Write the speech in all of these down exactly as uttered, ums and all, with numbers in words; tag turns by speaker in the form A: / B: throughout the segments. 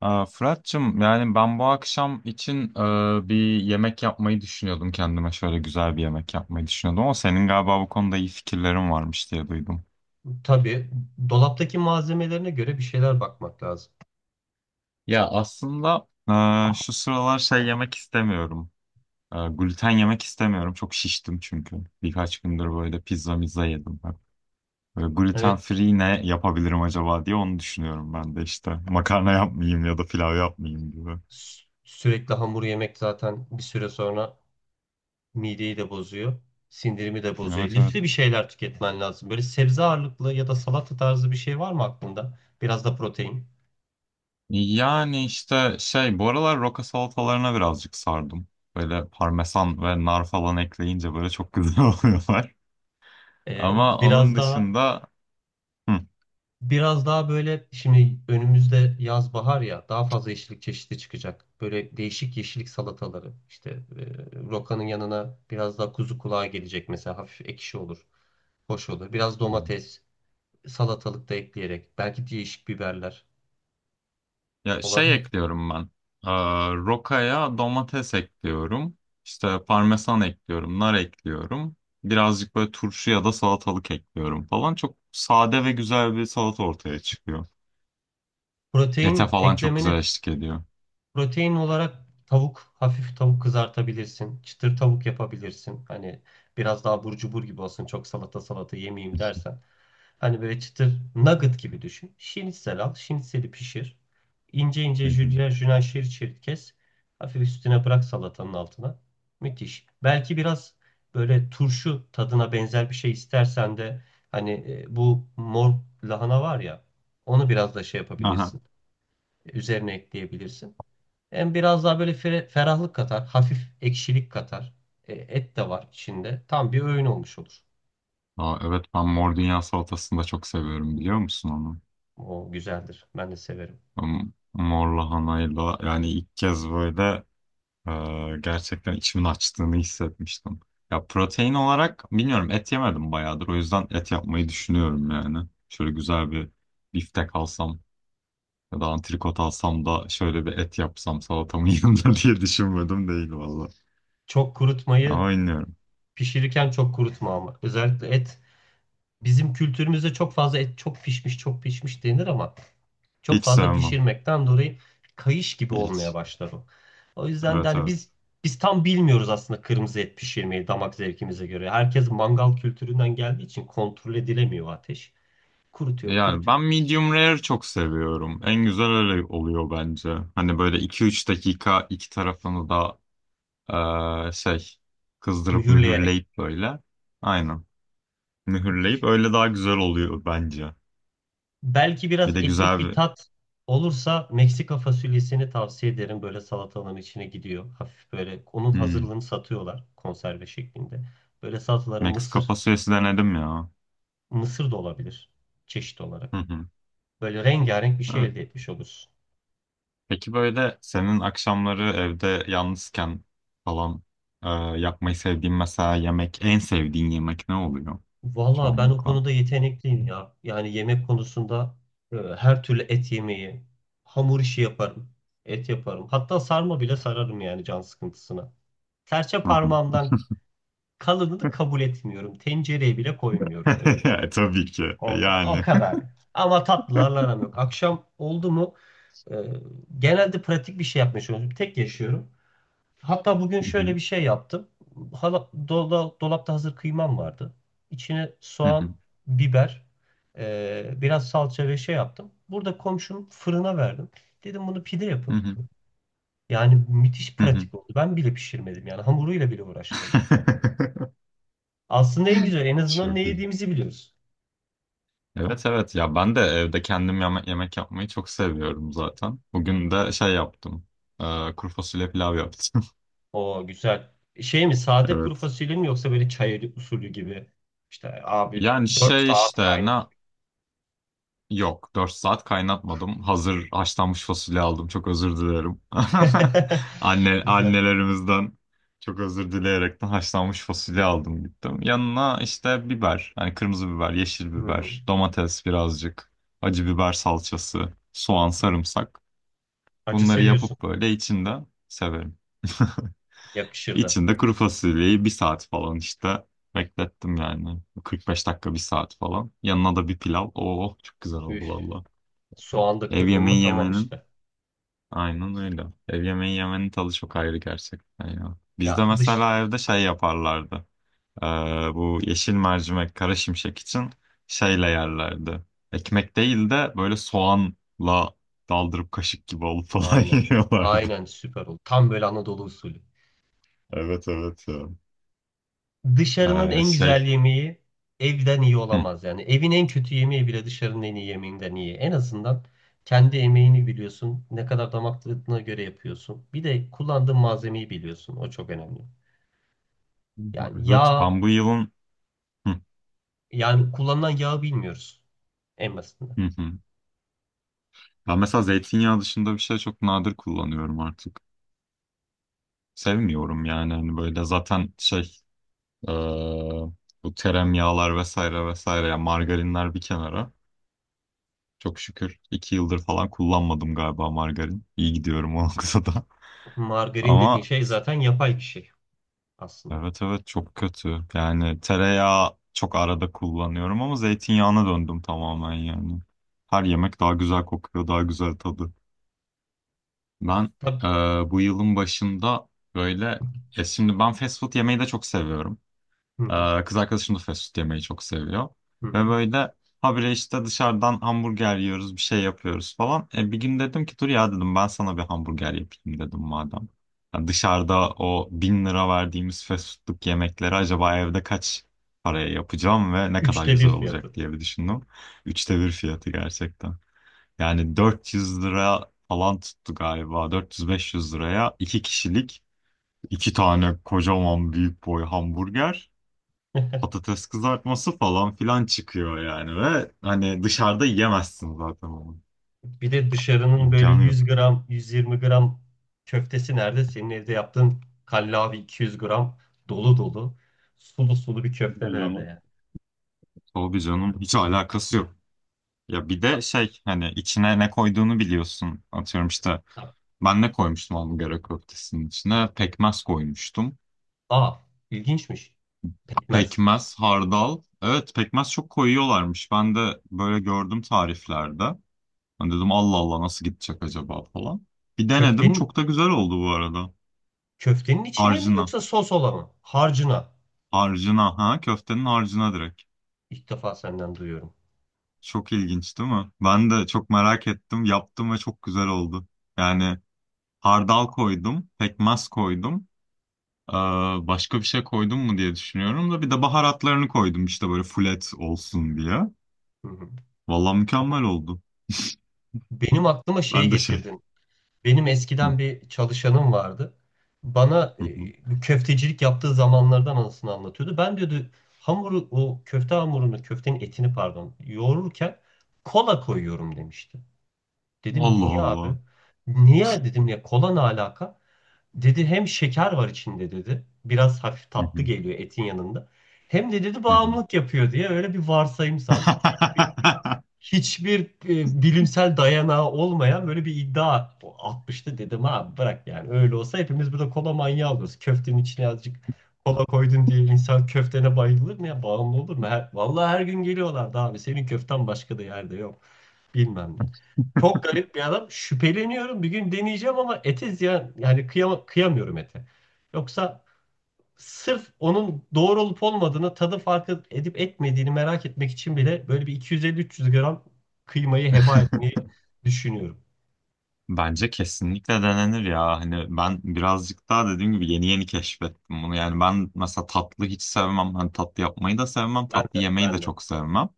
A: Aa, Fırat'cığım yani ben bu akşam için e, bir yemek yapmayı düşünüyordum kendime şöyle güzel bir yemek yapmayı düşünüyordum ama senin galiba bu konuda iyi fikirlerin varmış diye duydum.
B: Tabii, dolaptaki malzemelerine göre bir şeyler bakmak lazım.
A: Ya aslında e, şu sıralar şey yemek istemiyorum. E, gluten yemek istemiyorum. Çok şiştim çünkü. Birkaç gündür böyle pizza mizza yedim. Ben. Böyle gluten
B: Evet,
A: free ne yapabilirim acaba diye onu düşünüyorum ben de işte. Makarna yapmayayım ya da pilav yapmayayım gibi.
B: sü- sürekli hamur yemek zaten bir süre sonra mideyi de bozuyor, sindirimi de bozuyor.
A: Evet evet.
B: Lifli bir şeyler tüketmen lazım. Böyle sebze ağırlıklı ya da salata tarzı bir şey var mı aklında? Biraz da protein,
A: Yani işte şey bu aralar roka salatalarına birazcık sardım. Böyle parmesan ve nar falan ekleyince böyle çok güzel oluyorlar.
B: ee,
A: Ama onun
B: biraz daha
A: dışında hı,
B: Biraz daha böyle şimdi önümüzde yaz bahar ya daha fazla yeşillik çeşidi çıkacak. Böyle değişik yeşillik salataları işte e, rokanın yanına biraz daha kuzu kulağı gelecek mesela hafif ekşi olur. Hoş olur. Biraz domates, salatalık da ekleyerek belki değişik biberler
A: ya şey
B: olabilir.
A: ekliyorum ben. Ee, Rokaya domates ekliyorum. İşte parmesan ekliyorum, nar ekliyorum. Birazcık böyle turşu ya da salatalık ekliyorum falan. Çok sade ve güzel bir salata ortaya çıkıyor. Ete
B: Protein
A: falan çok güzel
B: eklemeni
A: eşlik ediyor.
B: Protein olarak tavuk, hafif tavuk kızartabilirsin. Çıtır tavuk yapabilirsin. Hani biraz daha burcu cubur gibi olsun. Çok salata salata yemeyeyim dersen. Hani böyle çıtır nugget gibi düşün. Şinitsel al. Şinitseli pişir. İnce ince jülyen jülyen şerit şerit kes. Hafif üstüne bırak salatanın altına. Müthiş. Belki biraz böyle turşu tadına benzer bir şey istersen de hani e, bu mor lahana var ya, onu biraz da şey
A: Hı hı.
B: yapabilirsin. Üzerine ekleyebilirsin. Hem biraz daha böyle fere- ferahlık katar, hafif ekşilik katar. E, et de var içinde. Tam bir öğün olmuş olur.
A: Aa, evet ben mor dünya salatasını da çok seviyorum biliyor musun onu?
B: O güzeldir. Ben de severim.
A: Ben Mor lahanayla yani ilk kez böyle e, gerçekten içimin açtığını hissetmiştim. Ya protein olarak bilmiyorum et yemedim bayağıdır o yüzden et yapmayı düşünüyorum yani. Şöyle güzel bir biftek alsam ya da antrikot alsam da şöyle bir et yapsam salatamın yanında diye düşünmedim değil valla.
B: Çok kurutmayı
A: Ama bilmiyorum.
B: pişirirken çok kurutma ama. Özellikle et. Bizim kültürümüzde çok fazla et çok pişmiş, çok pişmiş denir ama çok
A: Hiç
B: fazla
A: sevmem.
B: pişirmekten dolayı kayış gibi olmaya
A: Hiç.
B: başlar o. O yüzden de
A: Evet
B: hani
A: evet.
B: biz biz tam bilmiyoruz aslında kırmızı et pişirmeyi damak zevkimize göre. Herkes mangal kültüründen geldiği için kontrol edilemiyor ateş. Kurutuyor,
A: Yani
B: kurutuyor.
A: ben medium rare çok seviyorum. En güzel öyle oluyor bence. Hani böyle iki üç dakika iki tarafını da eee, şey kızdırıp
B: Mühürleyerek.
A: mühürleyip böyle. Aynen. Mühürleyip
B: Müthiş.
A: öyle daha güzel oluyor bence.
B: Belki
A: Bir
B: biraz
A: de
B: etnik
A: güzel
B: bir
A: bir
B: tat olursa Meksika fasulyesini tavsiye ederim. Böyle salatalığın içine gidiyor. Hafif böyle onun
A: hmm,
B: hazırlığını satıyorlar konserve şeklinde. Böyle salataların
A: Meksika
B: mısır,
A: fasulyesi denedim ya.
B: mısır da olabilir çeşit olarak.
A: Hı hı.
B: Böyle rengarenk bir şey
A: Evet.
B: elde etmiş olursun.
A: Peki böyle senin akşamları evde yalnızken falan eee, yapmayı sevdiğin mesela yemek en sevdiğin yemek ne oluyor
B: Valla ben o
A: çoğunlukla?
B: konuda yetenekliyim ya. Yani yemek konusunda e, her türlü et yemeği, hamur işi yaparım, et yaparım. Hatta sarma bile sararım yani can sıkıntısına. Serçe
A: Hı hı.
B: parmağımdan kalınını kabul etmiyorum. Tencereye bile koymuyorum öyle.
A: Ya, Tabii ki.
B: O, ka- o
A: Yani.
B: kadar. Ama tatlılarla aram yok. Akşam oldu mu e, genelde pratik bir şey yapmaya çalışıyorum. Tek yaşıyorum. Hatta bugün
A: Hı
B: şöyle
A: hı,
B: bir şey yaptım. Hala, dola- dolapta hazır kıymam vardı. İçine
A: hı
B: soğan,
A: hı,
B: biber, e, biraz salça ve şey yaptım. Burada komşum fırına verdim. Dedim bunu pide
A: hı
B: yapın.
A: hı,
B: Yani müthiş
A: hı hı.
B: pratik oldu. Ben bile pişirmedim yani hamuruyla bile uğraşmadım. Aslında en güzel en azından ne
A: Çok iyi.
B: yediğimizi biliyoruz.
A: Evet evet ya ben de evde kendim yeme- yemek yapmayı çok seviyorum zaten. Bugün de şey yaptım. Ee, kuru fasulye pilav yaptım.
B: O güzel. Şey mi, sade kuru
A: Evet.
B: fasulye mi yoksa böyle çay usulü gibi? İşte abi
A: Yani
B: dört
A: şey
B: saat
A: işte
B: kaynar.
A: ne. Yok, dört saat kaynatmadım. Hazır haşlanmış fasulye aldım. Çok özür dilerim. Anne
B: Güzel.
A: annelerimizden çok özür dileyerekten haşlanmış fasulye aldım gittim. Yanına işte biber, hani kırmızı biber, yeşil
B: Hı hı.
A: biber, domates birazcık, acı biber salçası, soğan, sarımsak.
B: Acı
A: Bunları
B: seviyorsun.
A: yapıp böyle içinde severim.
B: Yakışır da.
A: İçinde kuru fasulyeyi bir saat falan işte beklettim yani. Kırk beş dakika bir saat falan. Yanına da bir pilav. Oo çok güzel oldu
B: Üf.
A: valla.
B: Soğan da
A: Ev
B: kırdın mı
A: yemeği
B: tamam
A: yemenin
B: işte.
A: aynen öyle. Ev yemeği yemenin tadı çok ayrı gerçekten ya. Bizde
B: Ya dış.
A: mesela evde şey yaparlardı. Ee, Bu yeşil mercimek, kara şimşek için şeyle yerlerdi. Ekmek değil de böyle soğanla daldırıp kaşık gibi alıp falan
B: Aynen.
A: yiyorlardı.
B: Aynen süper oldu. Tam böyle Anadolu usulü.
A: Evet evet ya.
B: Dışarının
A: Ee,
B: en güzel
A: şey.
B: yemeği evden iyi
A: Hı.
B: olamaz yani. Evin en kötü yemeği bile dışarının en iyi yemeğinden iyi. En azından kendi emeğini biliyorsun. Ne kadar damak tadına göre yapıyorsun. Bir de kullandığın malzemeyi biliyorsun. O çok önemli. Yani
A: Evet
B: yağ,
A: ben bu yılın. Hı,
B: yani kullanılan yağı bilmiyoruz en basitinden.
A: hı, hı. Ben mesela zeytinyağı dışında bir şey çok nadir kullanıyorum artık. Sevmiyorum yani hani böyle zaten şey. Ee, Bu teremyağlar vesaire vesaire yani margarinler bir kenara. Çok şükür iki yıldır falan kullanmadım galiba margarin. İyi gidiyorum o da.
B: Margarin dediğin
A: Ama
B: şey zaten yapay bir şey aslında.
A: evet evet çok kötü. Yani tereyağı çok arada kullanıyorum ama zeytinyağına döndüm tamamen yani. Her yemek daha güzel kokuyor, daha güzel tadı. Ben
B: Tabii.
A: e, bu yılın başında böyle... E şimdi ben fast food yemeyi de çok seviyorum.
B: Hı hı,
A: Ee, kız arkadaşım da fast food yemeyi çok seviyor.
B: hı hı.
A: Ve böyle habire işte dışarıdan hamburger yiyoruz, bir şey yapıyoruz falan. E, bir gün dedim ki dur ya dedim ben sana bir hamburger yapayım dedim madem. Ya dışarıda o bin lira verdiğimiz fast foodluk yemekleri acaba evde kaç paraya yapacağım ve ne kadar
B: Üçte bir
A: güzel
B: fiyatı.
A: olacak diye bir düşündüm. Üçte bir fiyatı gerçekten. Yani dört yüz lira falan tuttu galiba. dört yüz beş yüz liraya iki kişilik iki tane kocaman büyük boy hamburger patates kızartması falan filan çıkıyor yani ve hani dışarıda yiyemezsin zaten onu.
B: Bir de dışarının böyle
A: İmkanı
B: yüz
A: yok.
B: gram, yüz yirmi gram köftesi nerede? Senin evde yaptığın kallavi iki yüz gram dolu dolu, sulu sulu bir köfte
A: Tabii
B: nerede
A: canım.
B: yani?
A: Tabii canım hiç alakası yok. Ya bir de şey hani içine ne koyduğunu biliyorsun. Atıyorum işte ben ne koymuştum hamburger köftesinin içine? Pekmez koymuştum.
B: Aa, ilginçmiş. Pekmez.
A: Pekmez, hardal. Evet pekmez çok koyuyorlarmış. Ben de böyle gördüm tariflerde. Ben dedim Allah Allah nasıl gidecek acaba falan. Bir denedim
B: Köftenin
A: çok da güzel oldu bu arada.
B: köftenin içine mi
A: Harcına.
B: yoksa sos olan mı? Harcına.
A: Harcına ha köftenin
B: İlk
A: harcına direkt.
B: ilk defa senden duyuyorum.
A: Çok ilginç değil mi? Ben de çok merak ettim. Yaptım ve çok güzel oldu. Yani hardal koydum, pekmez koydum. Ee, Başka bir şey koydum mu diye düşünüyorum da bir de baharatlarını koydum işte böyle fulet olsun diye.
B: Hı hı.
A: Vallahi mükemmel oldu.
B: Benim aklıma şeyi
A: Ben de şey.
B: getirdin. Benim eskiden bir çalışanım vardı. Bana e, köftecilik yaptığı zamanlardan anısını anlatıyordu. Ben diyordu hamuru o köfte hamurunu, köftenin etini pardon, yoğururken kola koyuyorum demişti. Dedim niye abi?
A: Allah
B: Niye dedim ya, kola ne alaka? Dedi hem şeker var içinde dedi. Biraz hafif tatlı geliyor etin yanında. Hem de dedi
A: Allah.
B: bağımlılık yapıyor diye öyle bir varsayımsal. Hiçbir hiçbir e, bilimsel dayanağı olmayan böyle bir iddia atmıştı. Dedim abi bırak, yani öyle olsa hepimiz burada kola manyağı oluruz. Köftenin içine azıcık kola koydun diye insan köftene bayılır mı, ya bağımlı olur mu? Her, vallahi her gün geliyorlardı abi, senin köften başka da yerde yok bilmem ne. Çok garip bir adam, şüpheleniyorum, bir gün deneyeceğim ama ete ziyan yani, kıyama, kıyamıyorum ete. Yoksa sırf onun doğru olup olmadığını, tadı farkı edip etmediğini merak etmek için bile böyle bir iki yüz elli üç yüz gram kıymayı heba etmeyi düşünüyorum.
A: Bence kesinlikle denenir ya. Hani ben birazcık daha dediğim gibi yeni yeni keşfettim bunu. Yani ben mesela tatlı hiç sevmem. Hani tatlı yapmayı da sevmem.
B: Ben
A: Tatlı
B: de,
A: yemeyi de
B: ben de.
A: çok sevmem.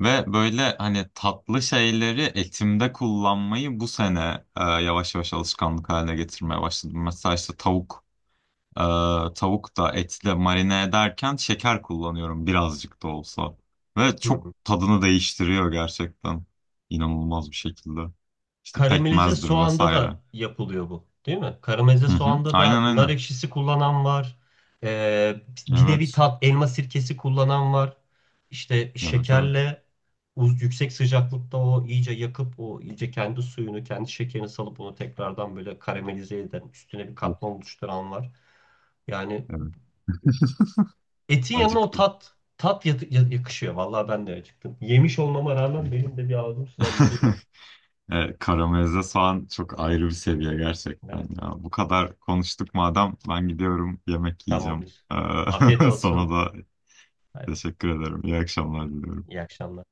A: Ve böyle hani tatlı şeyleri etimde kullanmayı bu sene e, yavaş yavaş alışkanlık haline getirmeye başladım. Mesela işte tavuk e, tavuk da etle marine ederken şeker kullanıyorum birazcık da olsa. Ve
B: Hı
A: çok
B: hı.
A: tadını değiştiriyor gerçekten. İnanılmaz bir şekilde. İşte
B: Karamelize
A: pekmezdir
B: soğanda
A: vesaire.
B: da yapılıyor bu, değil mi? Karamelize
A: Hı hı.
B: soğanda da
A: Aynen
B: nar
A: aynen.
B: ekşisi kullanan var. Ee, bir nevi
A: Evet.
B: tat elma sirkesi kullanan var. İşte
A: Evet evet.
B: şekerle uz- yüksek sıcaklıkta o iyice yakıp o iyice kendi suyunu, kendi şekerini salıp onu tekrardan böyle karamelize eden, üstüne bir
A: Of
B: katman oluşturan var. Yani
A: evet.
B: etin yanına o
A: Acıktım.
B: tat tat yatı- ya- yakışıyor. Vallahi ben de acıktım. Yemiş olmama rağmen benim de bir ağzım sulanmadı değil.
A: Evet, karamelize soğan çok ayrı bir seviye gerçekten
B: Evet,
A: ya. Bu kadar konuştuk madem ben gidiyorum yemek yiyeceğim.
B: tamamdır. Afiyet
A: Ee,
B: olsun.
A: Sana da
B: Bay bay.
A: teşekkür ederim. İyi akşamlar diliyorum.
B: İyi akşamlar.